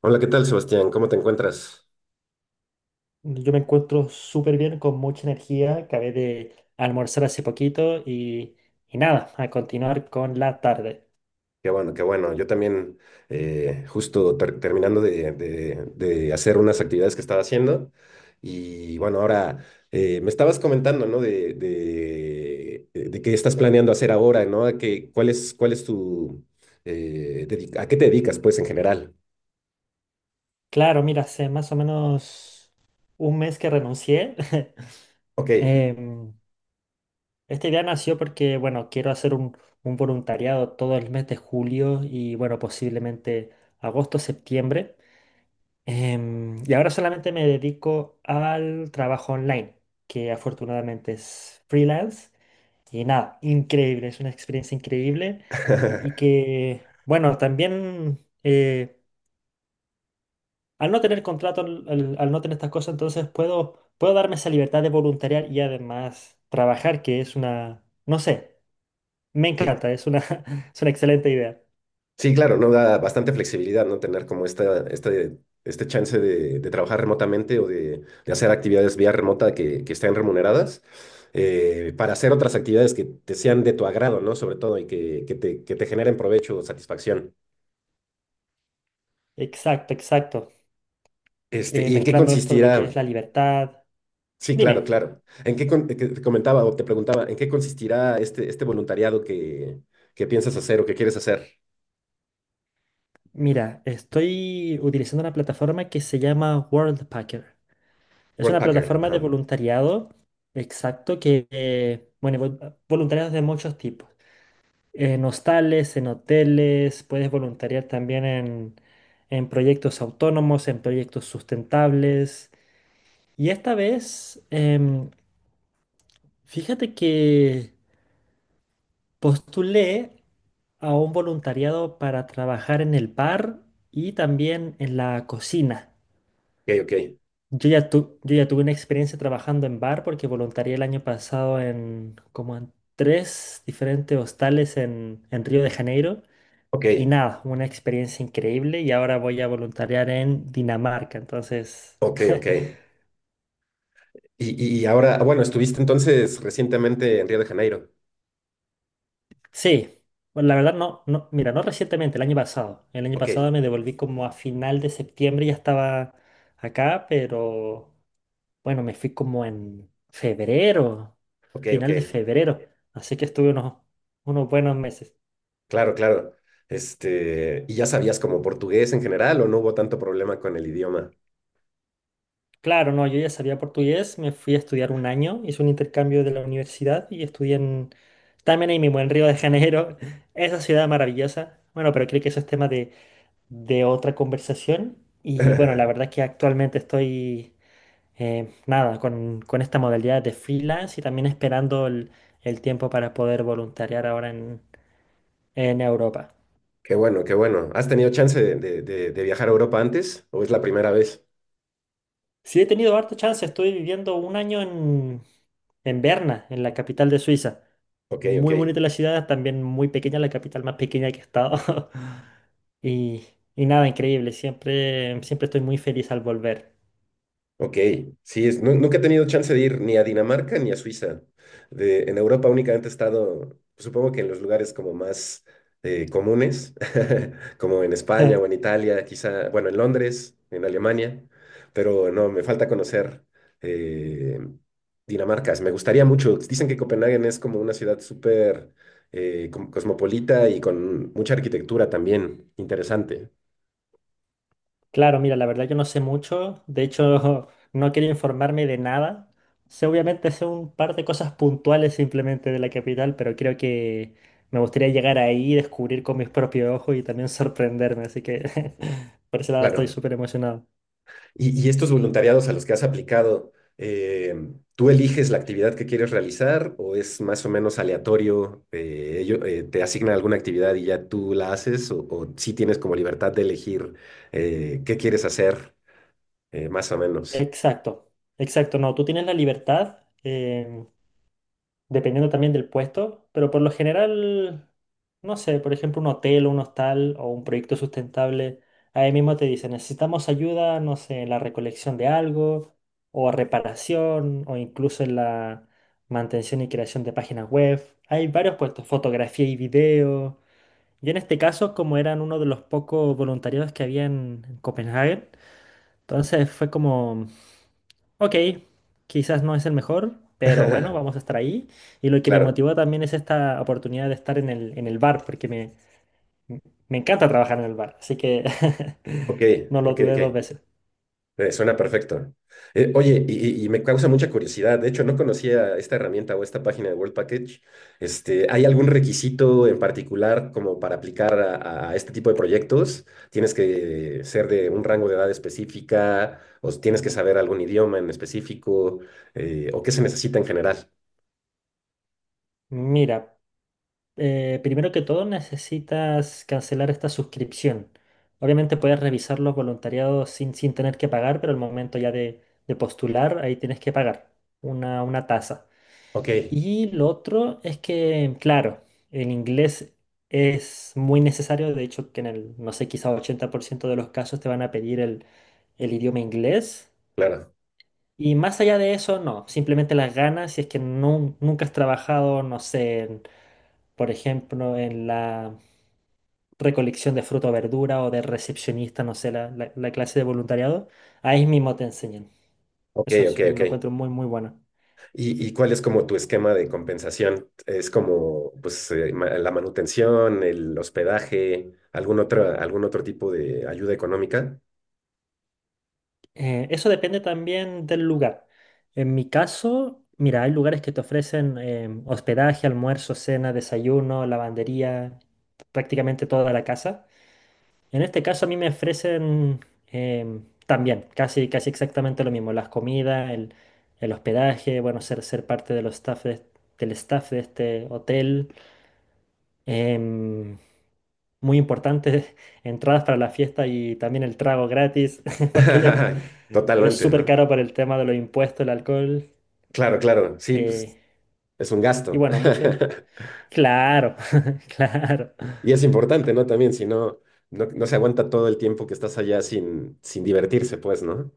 Hola, ¿qué tal, Sebastián? ¿Cómo te encuentras? Yo me encuentro súper bien, con mucha energía. Acabé de almorzar hace poquito y nada, a continuar con la tarde. Qué bueno, qué bueno. Yo también, justo terminando de hacer unas actividades que estaba haciendo. Y bueno, ahora me estabas comentando, ¿no? De qué estás planeando hacer ahora, ¿no? ¿A qué- cuál es tu, a qué te dedicas, pues, ¿en general? Claro, mira, hace más o menos un mes que renuncié. Ok. Em, Esta idea nació porque, bueno, quiero hacer un voluntariado todo el mes de julio y, bueno, posiblemente agosto, septiembre. Y ahora solamente me dedico al trabajo online, que afortunadamente es freelance. Y nada, increíble, es una experiencia increíble y que, bueno, también al no tener contrato, al no tener estas cosas, entonces puedo darme esa libertad de voluntariar y además trabajar, que es una, no sé, me Sí, encanta, es una, es una excelente idea. sí, claro, no da bastante flexibilidad, ¿no? Tener como este chance de trabajar remotamente o de hacer actividades vía remota que estén remuneradas, para hacer otras actividades que te sean de tu agrado, ¿no? Sobre todo y que, que te generen provecho o satisfacción. Exacto, exacto. Este, ¿y en qué Mezclando esto de lo consistirá? que es la libertad. Sí, claro, Dime, claro. ¿ Que te comentaba o te preguntaba, ¿en qué consistirá este voluntariado que piensas hacer o que quieres hacer? mira, estoy utilizando una plataforma que se llama Worldpacker. Es una Worldpacker. plataforma de Ajá. voluntariado, exacto, que, bueno, voluntariados de muchos tipos. En hostales, en hoteles, puedes voluntariar también en, proyectos autónomos, en proyectos sustentables. Y esta vez, fíjate que postulé a un voluntariado para trabajar en el bar y también en la cocina. Ok, ok. Yo ya tuve una experiencia trabajando en bar porque voluntarié el año pasado en como en tres diferentes hostales en Río de Janeiro. Ok, Y nada, una experiencia increíble y ahora voy a voluntariar en Dinamarca. Entonces, ok, ok. Y ahora, bueno, estuviste entonces recientemente en Río de Janeiro. sí, bueno, la verdad no, no, mira, no recientemente, el año pasado. El año Ok, pasado me devolví como a final de septiembre, ya estaba acá, pero bueno, me fui como en febrero, ok, ok. final de febrero. Así que estuve unos, buenos meses. Claro, claro. Este, ¿y ya sabías como portugués en general o no hubo tanto problema con el idioma? Claro, no, yo ya sabía portugués, me fui a estudiar un año, hice un intercambio de la universidad y estudié en, también ahí mismo, en Río de Janeiro, esa ciudad maravillosa. Bueno, pero creo que eso es tema de, otra conversación. Y bueno, la verdad es que actualmente estoy, nada, con, esta modalidad de freelance y también esperando el, tiempo para poder voluntariar ahora en Europa. Qué bueno, qué bueno. ¿Has tenido chance de viajar a Europa antes o es la primera vez? Sí, he tenido harta chance, estoy viviendo un año en Berna, en la capital de Suiza. Ok, ok. Muy bonita la ciudad, también muy pequeña, la capital más pequeña que he estado. Y, y nada, increíble, siempre, siempre estoy muy feliz al volver. Ok, sí, nunca he tenido chance de ir ni a Dinamarca ni a Suiza. De, en Europa únicamente he estado, supongo que en los lugares como más comunes, como en España o en Italia, quizá, bueno, en Londres, en Alemania, pero no, me falta conocer eh, Dinamarca. Me gustaría mucho. Dicen que Copenhague es como una ciudad súper cosmopolita y con mucha arquitectura también, interesante. Claro, mira, la verdad yo no sé mucho, de hecho no quiero informarme de nada. Sé obviamente sé un par de cosas puntuales simplemente de la capital, pero creo que me gustaría llegar ahí y descubrir con mis propios ojos y también sorprenderme, así que por ese lado estoy Claro. súper emocionado. Y estos voluntariados a los que has aplicado, eh, ¿tú eliges la actividad que quieres realizar o es más o menos aleatorio? ¿Te asignan alguna actividad y ya tú la haces? O sí tienes como libertad de elegir, qué quieres hacer, más o menos? Exacto, exacto, no, tú tienes la libertad, dependiendo también del puesto, pero por lo general, no sé, por ejemplo, un hotel o un hostal o un proyecto sustentable, ahí mismo te dicen, necesitamos ayuda, no sé, en la recolección de algo, o reparación, o incluso en la mantención y creación de páginas web. Hay varios puestos, fotografía y video. Yo en este caso, como eran uno de los pocos voluntariados que había en Copenhague, entonces fue como. Ok, quizás no es el mejor, pero bueno, vamos a estar ahí. Y lo que me Claro, motivó también es esta oportunidad de estar en el bar, porque me encanta trabajar en el bar, así que ok, no lo ok, dudé ok. dos veces. Suena perfecto. Oye, y me causa mucha curiosidad. De hecho, no conocía esta herramienta o esta página de World Package. Este, ¿hay algún requisito en particular como para aplicar a este tipo de proyectos? ¿Tienes que ser de un rango de edad específica o tienes que saber algún idioma en específico, o qué se necesita en general? Mira, primero que todo necesitas cancelar esta suscripción. Obviamente puedes revisar los voluntariados sin, tener que pagar, pero al momento ya de, postular, ahí tienes que pagar una tasa. Ok, Y lo otro es que, claro, el inglés es muy necesario, de hecho que en el, no sé, quizá 80% de los casos te van a pedir el idioma inglés. claro. Y más allá de eso, no, simplemente las ganas, si es que nunca has trabajado, no sé, por ejemplo, en la recolección de fruta o verdura o de recepcionista, no sé, la clase de voluntariado, ahí mismo te enseñan. Ok, ok, ok. Lo encuentro muy, muy bueno. Y cuál es como tu esquema de compensación? ¿Es como pues, la manutención, el hospedaje, algún otro tipo de ayuda económica? Eso depende también del lugar. En mi caso, mira, hay lugares que te ofrecen hospedaje, almuerzo, cena, desayuno, lavandería, prácticamente toda la casa. En este caso a mí me ofrecen también casi, casi exactamente lo mismo, las comidas, el, hospedaje, bueno, ser parte de los staff del staff de este hotel. Em, Muy importantes, entradas para la fiesta y también el trago gratis, porque ya es Totalmente, súper ¿no? caro por el tema de los impuestos, el alcohol. Claro, claro, sí, pues eh, es un y gasto. bueno, mucho. Claro, claro. Y es importante, ¿no? También, si no, no, no se aguanta todo el tiempo que estás allá sin, sin divertirse, pues, ¿no?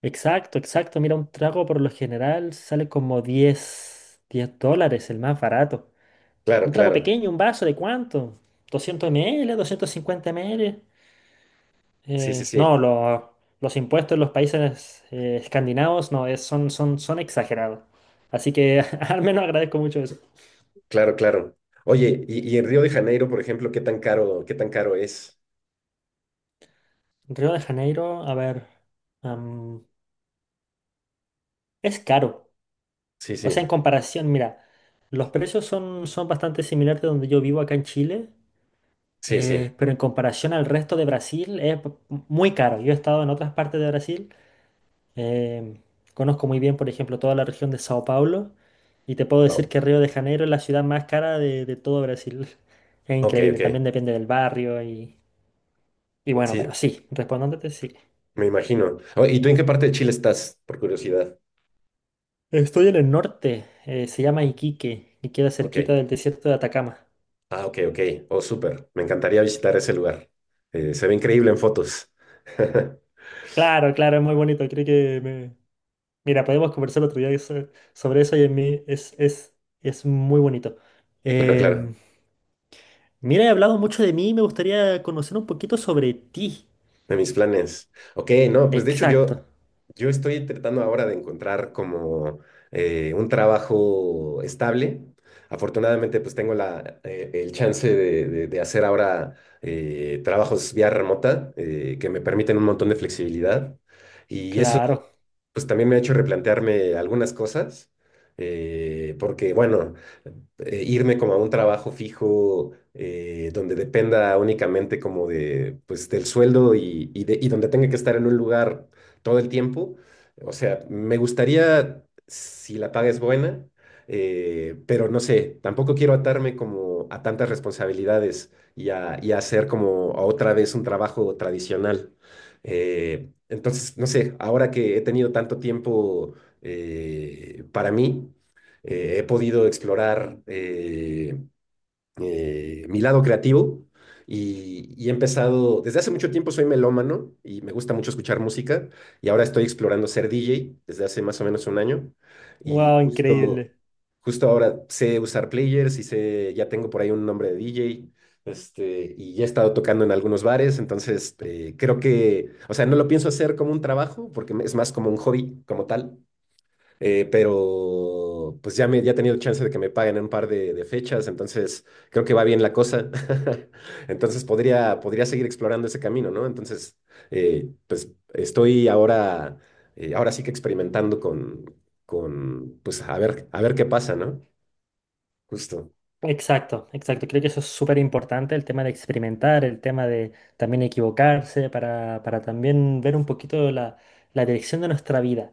Exacto, exacto. Mira, un trago por lo general sale como diez dólares, el más barato. Claro, Un trago claro. pequeño, un vaso, ¿de cuánto? ¿200 ml? ¿50 ml? Sí, sí, No, sí. los impuestos en los países escandinavos no, son exagerados. Así que al menos agradezco mucho eso. Claro, claro. Oye, y en Río de Janeiro, por ejemplo, qué tan caro es? Río de Janeiro, a ver, am, es caro. Sí, sí, O sea, en comparación, mira, los precios son bastante similares de donde yo vivo acá en Chile, sí, sí. Pero en comparación al resto de Brasil es muy caro. Yo he estado en otras partes de Brasil. Em, Conozco muy bien, por ejemplo, toda la región de Sao Paulo y te puedo decir que Río de Janeiro es la ciudad más cara de, todo Brasil. Es Ok, increíble, también ok. depende del barrio y bueno, pero Sí, sí, respondiéndote, sí. me imagino. Oh, ¿y tú en qué parte de Chile estás, por curiosidad? Estoy en el norte, se llama Iquique y queda Ok. cerquita del desierto de Atacama. Ah, ok, ok. Oh, súper. Me encantaría visitar ese lugar. Se ve increíble en fotos. Claro, claro, es muy bonito, creo que me. Mira, podemos conversar otro día sobre eso y en mí es, muy bonito. Claro, claro. Em, Mira, he hablado mucho de mí y me gustaría conocer un poquito sobre ti. De mis planes. Ok, no, pues de hecho Exacto, yo, yo estoy tratando ahora de encontrar como un trabajo estable. Afortunadamente, pues tengo la, el chance de hacer ahora trabajos vía remota, que me permiten un montón de flexibilidad. Y eso claro. pues también me ha hecho replantearme algunas cosas, porque bueno, irme como a un trabajo fijo, donde dependa únicamente como de, pues, del sueldo y y donde tenga que estar en un lugar todo el tiempo, o sea, me gustaría si la paga es buena, pero no sé, tampoco quiero atarme como a tantas responsabilidades y a hacer como otra vez un trabajo tradicional. Eh, entonces, no sé, ahora que he tenido tanto tiempo, para mí, he podido explorar, mi lado creativo y he empezado, desde hace mucho tiempo soy melómano y me gusta mucho escuchar música y ahora estoy explorando ser DJ desde hace más o menos 1 año y Wow, justo, increíble. justo ahora sé usar players y sé, ya tengo por ahí un nombre de DJ. Este, y ya he estado tocando en algunos bares, entonces creo que, o sea, no lo pienso hacer como un trabajo, es más como un hobby como tal, pero pues ya, me, ya he tenido chance de que me paguen en un par de fechas, entonces creo que va bien la cosa. Entonces podría, podría seguir explorando ese camino, ¿no? Entonces, pues estoy ahora, ahora sí que experimentando con, pues a ver qué pasa, ¿no? Justo, Exacto, exacto. Creo que eso es súper importante, el tema de experimentar, el tema de también equivocarse para, también ver un poquito la dirección de nuestra vida.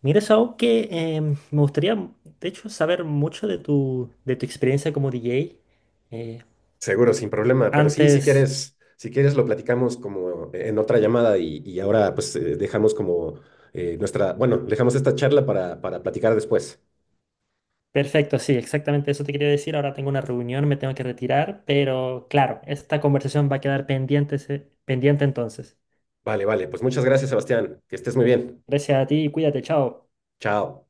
Mira, eso algo que me gustaría, de hecho, saber mucho de tu experiencia como DJ. Eh, seguro, sin problema, pero sí, si Antes, quieres, si quieres lo platicamos como en otra llamada y ahora pues dejamos como bueno, dejamos esta charla para platicar después. perfecto, sí, exactamente eso te quería decir. Ahora tengo una reunión, me tengo que retirar, pero claro, esta conversación va a quedar pendiente, pendiente entonces. Vale, vale. Pues muchas gracias, Sebastián. Que estés muy bien. Gracias a ti, cuídate, chao. Chao.